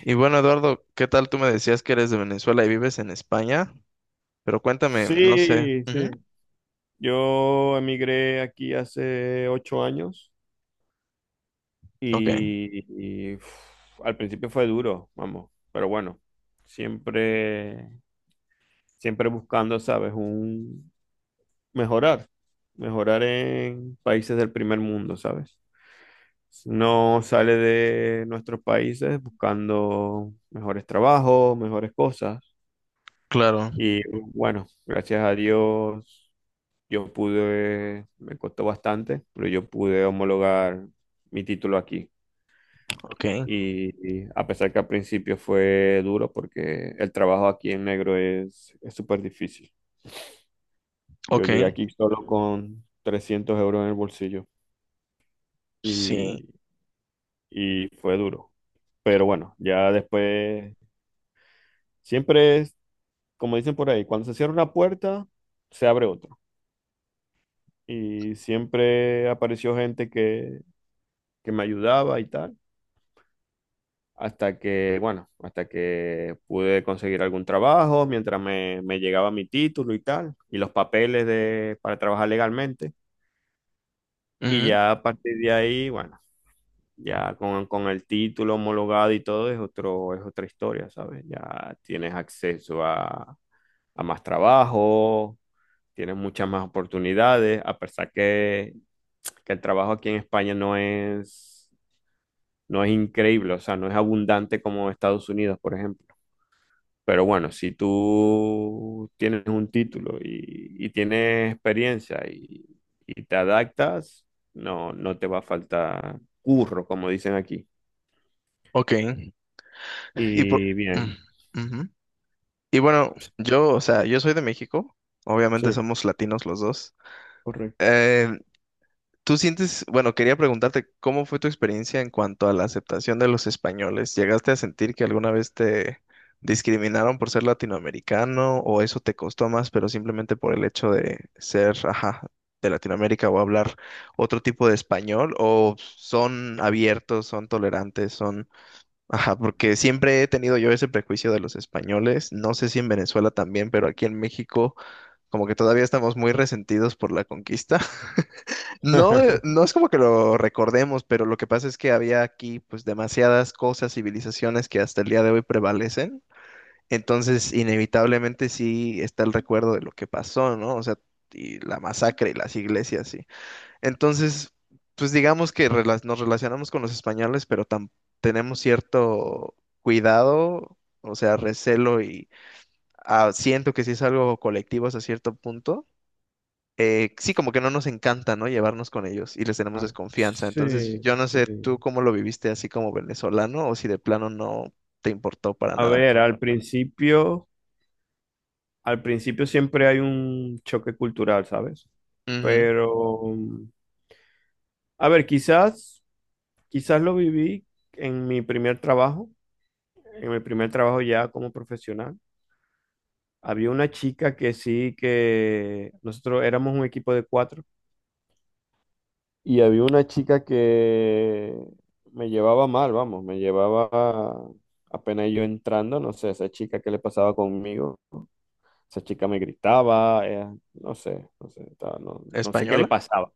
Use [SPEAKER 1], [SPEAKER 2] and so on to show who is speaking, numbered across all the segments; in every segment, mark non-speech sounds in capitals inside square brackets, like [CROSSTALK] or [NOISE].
[SPEAKER 1] Y bueno, Eduardo, ¿qué tal? Tú me decías que eres de Venezuela y vives en España, pero cuéntame, no sé.
[SPEAKER 2] Sí, sí.
[SPEAKER 1] Ujú.
[SPEAKER 2] Yo emigré aquí hace 8 años
[SPEAKER 1] Ok.
[SPEAKER 2] y, y al principio fue duro, vamos, pero bueno, siempre, siempre buscando, ¿sabes? Un mejorar, mejorar en países del primer mundo, ¿sabes? No sale de nuestros países buscando mejores trabajos, mejores cosas
[SPEAKER 1] Claro.
[SPEAKER 2] y bueno, gracias a Dios. Yo pude, me costó bastante, pero yo pude homologar mi título aquí.
[SPEAKER 1] Ok,
[SPEAKER 2] Y a pesar que al principio fue duro, porque el trabajo aquí en negro es súper difícil. Yo
[SPEAKER 1] ok,
[SPEAKER 2] llegué aquí solo con 300 euros en el bolsillo
[SPEAKER 1] sí,
[SPEAKER 2] y, y fue duro. Pero bueno, ya después, siempre es, como dicen por ahí, cuando se cierra una puerta, se abre otra. Y siempre apareció gente que me ayudaba y tal. Hasta que, bueno, hasta que pude conseguir algún trabajo mientras me llegaba mi título y tal, y los papeles de, para trabajar legalmente. Y
[SPEAKER 1] ujú,
[SPEAKER 2] ya a partir de ahí, bueno, ya con el título homologado y todo es otro, es otra historia, ¿sabes? Ya tienes acceso a más trabajo, tienes muchas más oportunidades, a pesar que el trabajo aquí en España no es increíble, o sea, no es abundante como Estados Unidos, por ejemplo. Pero bueno, si tú tienes un título y tienes experiencia y te adaptas, no te va a faltar curro, como dicen aquí.
[SPEAKER 1] ok. Y por...
[SPEAKER 2] Y bien,
[SPEAKER 1] mm, ujú. Y bueno, yo, o sea, yo soy de México, obviamente
[SPEAKER 2] sí,
[SPEAKER 1] somos latinos los dos.
[SPEAKER 2] correcto.
[SPEAKER 1] Eh, Tú sientes, bueno, quería preguntarte, ¿cómo fue tu experiencia en cuanto a la aceptación de los españoles? ¿Llegaste a sentir que alguna vez te discriminaron por ser latinoamericano o eso te costó más, pero simplemente por el hecho de ser, ajá, de Latinoamérica o hablar otro tipo de español? ¿O son abiertos, son tolerantes, son, ajá, porque siempre he tenido yo ese prejuicio de los españoles, no sé si en Venezuela también, pero aquí en México como que todavía estamos muy resentidos por la conquista. No,
[SPEAKER 2] [LAUGHS]
[SPEAKER 1] no es como que lo recordemos, pero lo que pasa es que había aquí pues demasiadas cosas, civilizaciones que hasta el día de hoy prevalecen. Entonces, inevitablemente sí está el recuerdo de lo que pasó, ¿no? O sea, y la masacre y las iglesias, sí. Entonces, pues digamos que nos relacionamos con los españoles, pero tenemos cierto cuidado, o sea, recelo y ah, siento que sí es algo colectivo hasta cierto punto, sí, como que no nos encanta, ¿no? Llevarnos con ellos y les tenemos
[SPEAKER 2] Ah,
[SPEAKER 1] desconfianza. Entonces,
[SPEAKER 2] sí,
[SPEAKER 1] yo no sé tú
[SPEAKER 2] sí.
[SPEAKER 1] cómo lo viviste así como venezolano o si de plano no te importó para
[SPEAKER 2] A
[SPEAKER 1] nada.
[SPEAKER 2] ver, al principio siempre hay un choque cultural, ¿sabes?
[SPEAKER 1] Ujú.
[SPEAKER 2] Pero, a ver, quizás lo viví en mi primer trabajo, en mi primer trabajo ya como profesional. Había una chica que sí, que nosotros éramos un equipo de cuatro y había una chica que me llevaba mal, vamos, me llevaba apenas yo entrando, no sé, esa chica que le pasaba conmigo, esa chica me gritaba, no sé, no sé, no, no sé qué le
[SPEAKER 1] ¿Española?
[SPEAKER 2] pasaba.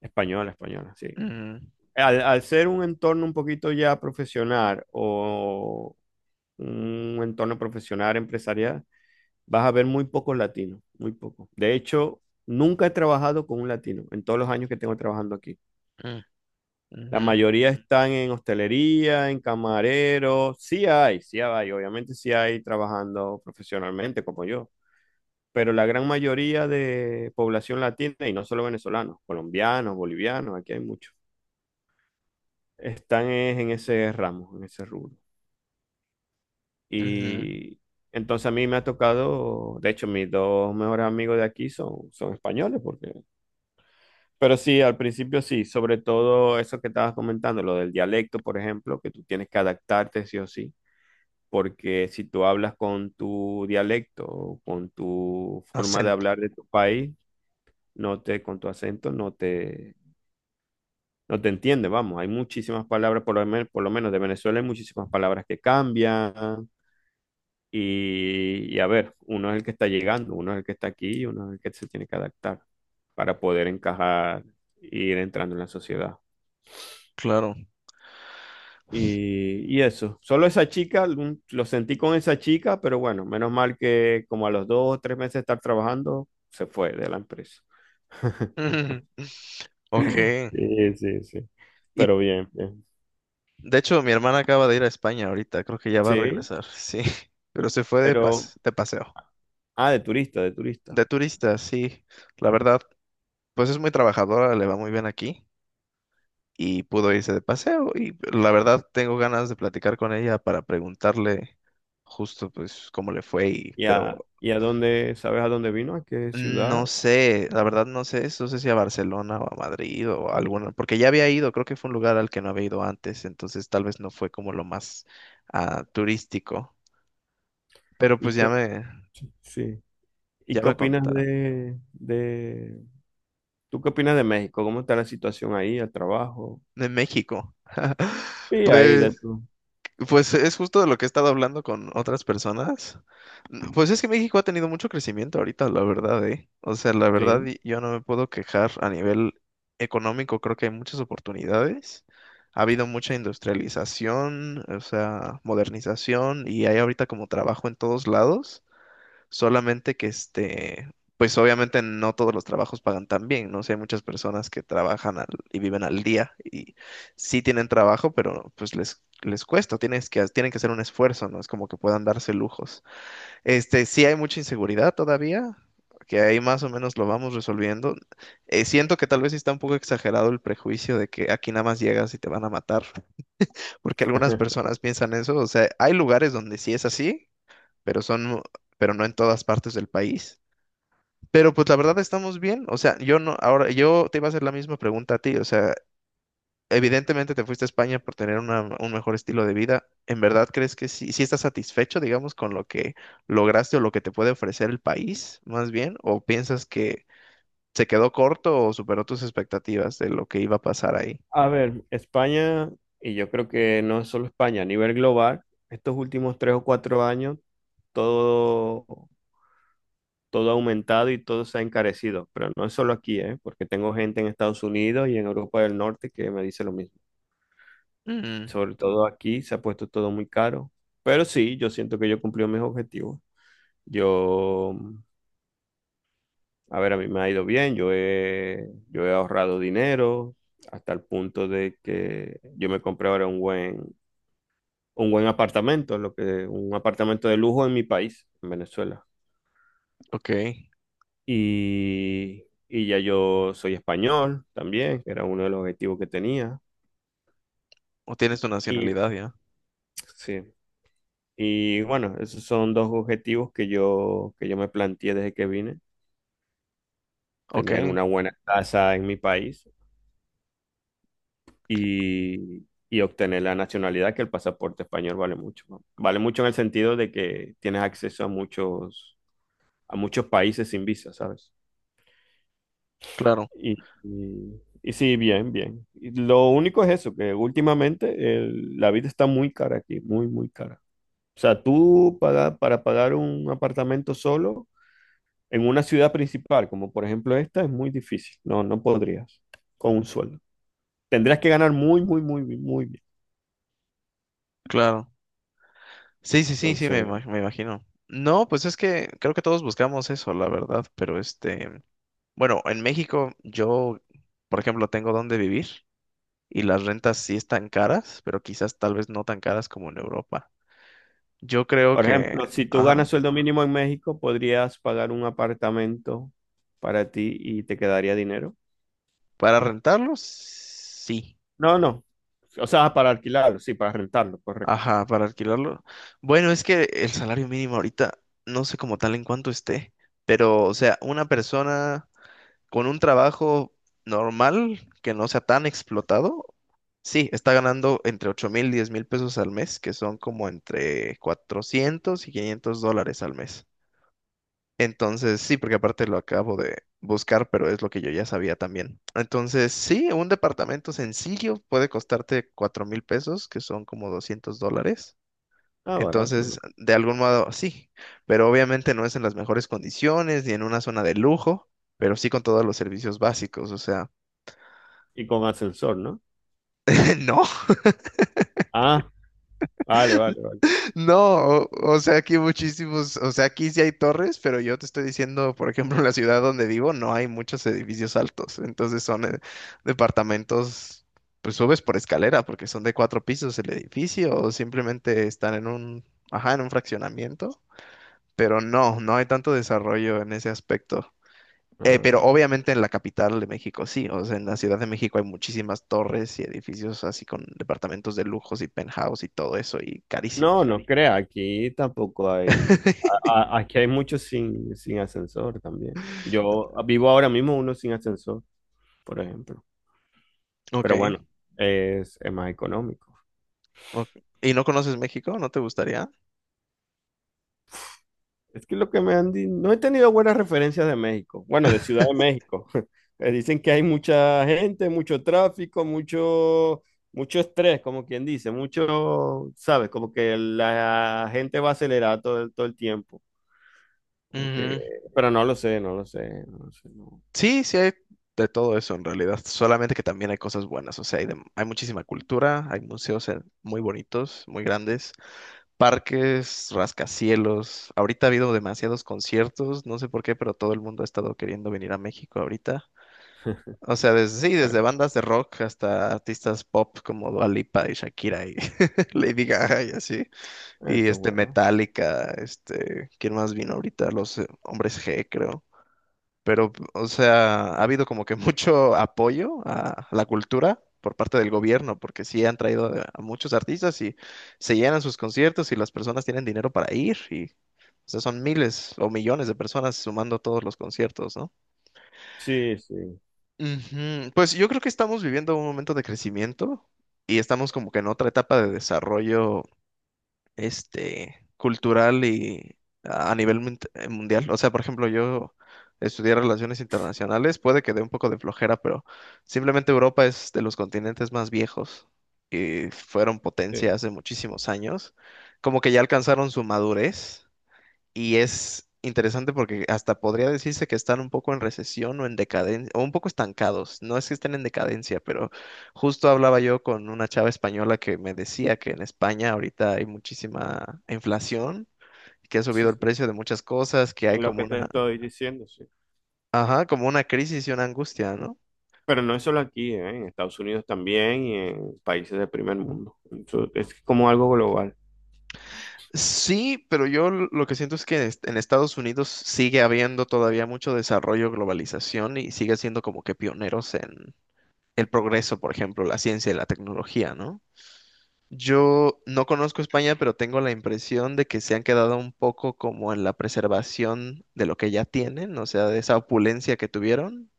[SPEAKER 2] Española, española, sí.
[SPEAKER 1] Ujú,
[SPEAKER 2] Al ser un entorno un poquito ya profesional o un entorno profesional empresarial, vas a ver muy pocos latinos, muy pocos. De hecho, nunca he trabajado con un latino en todos los años que tengo trabajando aquí. La
[SPEAKER 1] ujú,
[SPEAKER 2] mayoría están en hostelería, en camarero. Sí hay, obviamente sí hay trabajando profesionalmente como yo. Pero la gran mayoría de población latina, y no solo venezolanos, colombianos, bolivianos, aquí hay muchos, están es en ese ramo, en ese rubro.
[SPEAKER 1] ujú, ujú.
[SPEAKER 2] Y entonces a mí me ha tocado, de hecho, mis dos mejores amigos de aquí son españoles, porque pero sí, al principio sí, sobre todo eso que estabas comentando, lo del dialecto, por ejemplo, que tú tienes que adaptarte sí o sí, porque si tú hablas con tu dialecto o con tu forma de
[SPEAKER 1] Acento,
[SPEAKER 2] hablar de tu país, no te, con tu acento, no te entiende, vamos, hay muchísimas palabras, por lo menos de Venezuela hay muchísimas palabras que cambian y a ver, uno es el que está llegando, uno es el que está aquí y uno es el que se tiene que adaptar para poder encajar e ir entrando en la sociedad.
[SPEAKER 1] claro.
[SPEAKER 2] Y eso, solo esa chica, lo sentí con esa chica, pero bueno, menos mal que como a los 2 o 3 meses de estar trabajando, se fue de la empresa. [LAUGHS]
[SPEAKER 1] [LAUGHS] Ujú. Ok.
[SPEAKER 2] Sí, sí, sí.
[SPEAKER 1] Y
[SPEAKER 2] Pero bien, bien.
[SPEAKER 1] de hecho, mi hermana acaba de ir a España ahorita, creo que ya va a
[SPEAKER 2] Sí,
[SPEAKER 1] regresar, sí. [LAUGHS] Pero se fue de
[SPEAKER 2] pero...
[SPEAKER 1] de paseo.
[SPEAKER 2] Ah, de turista, de turista.
[SPEAKER 1] De turista, sí. La verdad, pues es muy trabajadora, le va muy bien aquí. Y pudo irse de paseo. Y la verdad tengo ganas de platicar con ella para preguntarle justo pues cómo le fue y,
[SPEAKER 2] ¿Y
[SPEAKER 1] pero
[SPEAKER 2] a, y a dónde, sabes a dónde vino? ¿A qué ciudad?
[SPEAKER 1] no sé, la verdad no sé, no sé si a Barcelona o a Madrid o a alguna, porque ya había ido, creo que fue un lugar al que no había ido antes, entonces tal vez no fue como lo más ah, turístico, pero pues
[SPEAKER 2] ¿Y qué, op- sí. ¿Y
[SPEAKER 1] ya
[SPEAKER 2] qué
[SPEAKER 1] me
[SPEAKER 2] opinas
[SPEAKER 1] contará.
[SPEAKER 2] de... ¿Tú qué opinas de México? ¿Cómo está la situación ahí, el trabajo?
[SPEAKER 1] De México. [LAUGHS]
[SPEAKER 2] Sí, ahí de
[SPEAKER 1] Pues
[SPEAKER 2] tú
[SPEAKER 1] Pues es justo de lo que he estado hablando con otras personas. Pues es que México ha tenido mucho crecimiento ahorita, la verdad, ¿eh? O sea, la verdad,
[SPEAKER 2] sí.
[SPEAKER 1] yo no me puedo quejar a nivel económico, creo que hay muchas oportunidades. Ha habido mucha industrialización, o sea, modernización, y hay ahorita como trabajo en todos lados. Solamente que este, pues obviamente no todos los trabajos pagan tan bien, ¿no? Sé hay muchas personas que trabajan y viven al día y sí tienen trabajo, pero pues les cuesta, tienen que hacer un esfuerzo, ¿no? Es como que puedan darse lujos. Este, sí hay mucha inseguridad todavía, que ahí más o menos lo vamos resolviendo. Siento que tal vez sí está un poco exagerado el prejuicio de que aquí nada más llegas y te van a matar, porque algunas
[SPEAKER 2] [LAUGHS]
[SPEAKER 1] personas piensan eso, o sea, hay lugares donde sí es así, pero son pero no en todas partes del país. Pero pues la verdad estamos bien, o sea, yo no, ahora yo te iba a hacer la misma pregunta a ti, o sea, evidentemente te fuiste a España por tener un mejor estilo de vida. ¿En verdad crees que sí, sí estás satisfecho, digamos, con lo que lograste o lo que te puede ofrecer el país, más bien? ¿O piensas que se quedó corto o superó tus expectativas de lo que iba a pasar ahí?
[SPEAKER 2] A ver, España, y yo creo que no solo España, a nivel global, estos últimos 3 o 4 años, todo, todo ha aumentado y todo se ha encarecido. Pero no es solo aquí, ¿eh? Porque tengo gente en Estados Unidos y en Europa del Norte que me dice lo mismo.
[SPEAKER 1] Mm,
[SPEAKER 2] Sobre todo aquí se ha puesto todo muy caro. Pero sí, yo siento que yo cumplí mis objetivos. Yo, a ver, a mí me ha ido bien, yo he ahorrado dinero hasta el punto de que yo me compré ahora un buen apartamento, lo que, un apartamento de lujo en mi país, en Venezuela.
[SPEAKER 1] ok,
[SPEAKER 2] Y ya yo soy español también, que era uno de los objetivos que tenía.
[SPEAKER 1] o tienes tu
[SPEAKER 2] Y
[SPEAKER 1] nacionalidad ya,
[SPEAKER 2] sí, y bueno, esos son dos objetivos que yo me planteé desde que vine, tener
[SPEAKER 1] ok,
[SPEAKER 2] una buena casa en mi país y obtener la nacionalidad, que el pasaporte español vale mucho. ¿No? Vale mucho en el sentido de que tienes acceso a muchos países sin visa, ¿sabes?
[SPEAKER 1] claro,
[SPEAKER 2] Y sí, bien, bien. Y lo único es eso, que últimamente la vida está muy cara aquí, muy, muy cara. O sea, para pagar un apartamento solo en una ciudad principal, como por ejemplo esta, es muy difícil. No, no podrías con un sueldo. Tendrías que ganar muy, muy, muy, muy bien.
[SPEAKER 1] claro. Sí, sí, sí, sí,
[SPEAKER 2] Entonces,
[SPEAKER 1] me imagino. No, pues es que creo que todos buscamos eso, la verdad, pero este. Bueno, en México yo, por ejemplo, tengo dónde vivir y las rentas sí están caras, pero quizás tal vez no tan caras como en Europa. Yo creo
[SPEAKER 2] por
[SPEAKER 1] que,
[SPEAKER 2] ejemplo, si tú ganas
[SPEAKER 1] ajá,
[SPEAKER 2] sueldo mínimo en México, podrías pagar un apartamento para ti y te quedaría dinero.
[SPEAKER 1] para rentarlo, sí.
[SPEAKER 2] No, no. O sea, para alquilarlo, sí, para rentarlo, correcto.
[SPEAKER 1] Ajá, para alquilarlo. Bueno, es que el salario mínimo ahorita no sé como tal en cuánto esté, pero o sea, una persona con un trabajo normal que no sea tan explotado, sí, está ganando entre 8,000 y 10 mil pesos al mes, que son como entre 400 y 500 dólares al mes. Entonces, sí, porque aparte lo acabo de buscar, pero es lo que yo ya sabía también. Entonces, sí, un departamento sencillo puede costarte 4,000 pesos, que son como 200 dólares.
[SPEAKER 2] Ah, barato,
[SPEAKER 1] Entonces,
[SPEAKER 2] ¿no?
[SPEAKER 1] de algún modo sí, pero obviamente no es en las mejores condiciones ni en una zona de lujo, pero sí con todos los servicios básicos, o sea,
[SPEAKER 2] Y con ascensor, ¿no?
[SPEAKER 1] [LAUGHS] no,
[SPEAKER 2] Ah, vale, vale, vale.
[SPEAKER 1] no, o, o sea, aquí muchísimos, o sea, aquí sí hay torres, pero yo te estoy diciendo, por ejemplo, en la ciudad donde vivo no hay muchos edificios altos, entonces son departamentos, pues subes por escalera porque son de cuatro pisos el edificio o simplemente están en un, ajá, en un fraccionamiento, pero no, no hay tanto desarrollo en ese aspecto. Pero
[SPEAKER 2] Ah.
[SPEAKER 1] obviamente en la capital de México sí, o sea, en la Ciudad de México hay muchísimas torres y edificios así con departamentos de lujos y penthouse y todo eso y
[SPEAKER 2] No,
[SPEAKER 1] carísimos.
[SPEAKER 2] no crea, aquí tampoco hay,
[SPEAKER 1] [LAUGHS]
[SPEAKER 2] aquí hay muchos sin ascensor también. Yo vivo ahora mismo uno sin ascensor, por ejemplo.
[SPEAKER 1] Ok.
[SPEAKER 2] Pero bueno, es más económico.
[SPEAKER 1] Ok. ¿Y no conoces México? ¿No te gustaría?
[SPEAKER 2] Es que lo que me han dicho, no he tenido buenas referencias de México, bueno, de Ciudad de
[SPEAKER 1] [LAUGHS]
[SPEAKER 2] México. [LAUGHS] Dicen que hay mucha gente, mucho tráfico, mucho, mucho estrés, como quien dice, mucho, ¿sabes? Como que la gente va acelerada todo, todo el tiempo. Como que-
[SPEAKER 1] Ujú.
[SPEAKER 2] pero no lo sé, no lo sé, no lo sé, no.
[SPEAKER 1] Sí, sí hay de todo eso en realidad, solamente que también hay cosas buenas, o sea, hay muchísima cultura, hay museos muy bonitos, muy grandes, parques, rascacielos. Ahorita ha habido demasiados conciertos, no sé por qué, pero todo el mundo ha estado queriendo venir a México ahorita.
[SPEAKER 2] [LAUGHS]
[SPEAKER 1] O sea, desde, sí, desde
[SPEAKER 2] Bueno,
[SPEAKER 1] bandas de rock hasta artistas pop como Dua Lipa y Shakira y [LAUGHS] Lady Gaga y así. Y
[SPEAKER 2] esto es
[SPEAKER 1] este
[SPEAKER 2] bueno.
[SPEAKER 1] Metallica, este, ¿quién más vino ahorita? Los Hombres G, creo. Pero, o sea, ha habido como que mucho apoyo a la cultura por parte del gobierno, porque sí han traído a muchos artistas y se llenan sus conciertos y las personas tienen dinero para ir y, o sea, son miles o millones de personas sumando todos los conciertos, ¿no?
[SPEAKER 2] Sí, sí,
[SPEAKER 1] Ujú. Pues yo creo que estamos viviendo un momento de crecimiento y estamos como que en otra etapa de desarrollo este cultural y a nivel mundial. O sea, por ejemplo, yo estudié relaciones internacionales, puede que dé un poco de flojera, pero simplemente Europa es de los continentes más viejos y fueron potencia
[SPEAKER 2] sí,
[SPEAKER 1] hace muchísimos años. Como que ya alcanzaron su madurez y es interesante porque hasta podría decirse que están un poco en recesión o en decadencia, o un poco estancados. No es que estén en decadencia, pero justo hablaba yo con una chava española que me decía que en España ahorita hay muchísima inflación, que ha
[SPEAKER 2] sí,
[SPEAKER 1] subido el
[SPEAKER 2] sí.
[SPEAKER 1] precio de muchas cosas, que
[SPEAKER 2] Es
[SPEAKER 1] hay
[SPEAKER 2] lo
[SPEAKER 1] como
[SPEAKER 2] que te
[SPEAKER 1] una,
[SPEAKER 2] estoy diciendo, sí.
[SPEAKER 1] ajá, como una crisis y una angustia, ¿no?
[SPEAKER 2] Pero no es solo aquí, ¿eh? En Estados Unidos también y en países del primer mundo. Eso es como algo global.
[SPEAKER 1] Sí, pero yo lo que siento es que en Estados Unidos sigue habiendo todavía mucho desarrollo, globalización y sigue siendo como que pioneros en el progreso, por ejemplo, la ciencia y la tecnología, ¿no? Yo no conozco España, pero tengo la impresión de que se han quedado un poco como en la preservación de lo que ya tienen, o sea, de esa opulencia que tuvieron,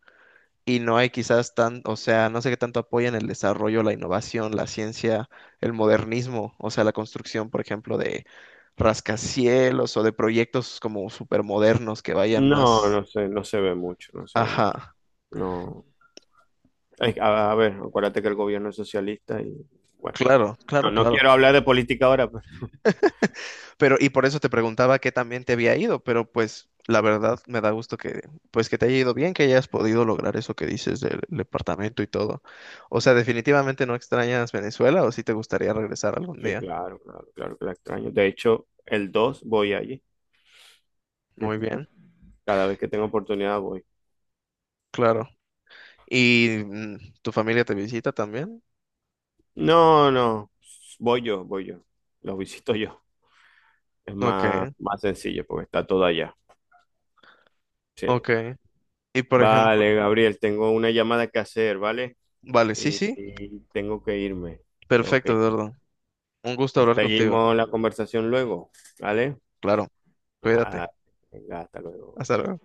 [SPEAKER 1] y no hay quizás tan, o sea, no sé qué tanto apoyan el desarrollo, la innovación, la ciencia, el modernismo, o sea, la construcción, por ejemplo, de rascacielos o de proyectos como supermodernos que vayan
[SPEAKER 2] No,
[SPEAKER 1] más.
[SPEAKER 2] no sé, no se ve mucho, no se ve mucho.
[SPEAKER 1] Ajá,
[SPEAKER 2] No. Ay, a ver, acuérdate que el gobierno es socialista y bueno,
[SPEAKER 1] claro, claro,
[SPEAKER 2] no, no
[SPEAKER 1] claro.
[SPEAKER 2] quiero hablar de política ahora, [LAUGHS] pero
[SPEAKER 1] Pero, y por eso te preguntaba qué también te había ido, pero pues la verdad me da gusto que, pues que te haya ido bien, que hayas podido lograr eso que dices del departamento y todo. O sea, definitivamente no extrañas Venezuela o si te gustaría regresar algún
[SPEAKER 2] sí,
[SPEAKER 1] día.
[SPEAKER 2] claro, claro, claro que la extraño. De hecho, el 2 voy allí.
[SPEAKER 1] Muy
[SPEAKER 2] [LAUGHS]
[SPEAKER 1] bien,
[SPEAKER 2] Cada vez que tengo oportunidad voy.
[SPEAKER 1] claro. ¿Y tu familia te visita también?
[SPEAKER 2] No, no, voy yo, voy yo. Los visito yo. Es
[SPEAKER 1] Ok,
[SPEAKER 2] más, más sencillo porque está todo allá. Sí.
[SPEAKER 1] ok. Y por ejemplo,
[SPEAKER 2] Vale, Gabriel, tengo una llamada que hacer, ¿vale?
[SPEAKER 1] vale, sí,
[SPEAKER 2] Y,
[SPEAKER 1] sí,
[SPEAKER 2] y tengo que irme. Tengo
[SPEAKER 1] perfecto,
[SPEAKER 2] que ir.
[SPEAKER 1] Eduardo. Un gusto hablar contigo.
[SPEAKER 2] Seguimos la conversación luego, ¿vale?
[SPEAKER 1] Claro, cuídate.
[SPEAKER 2] Ah, venga, hasta luego.
[SPEAKER 1] Hasta luego.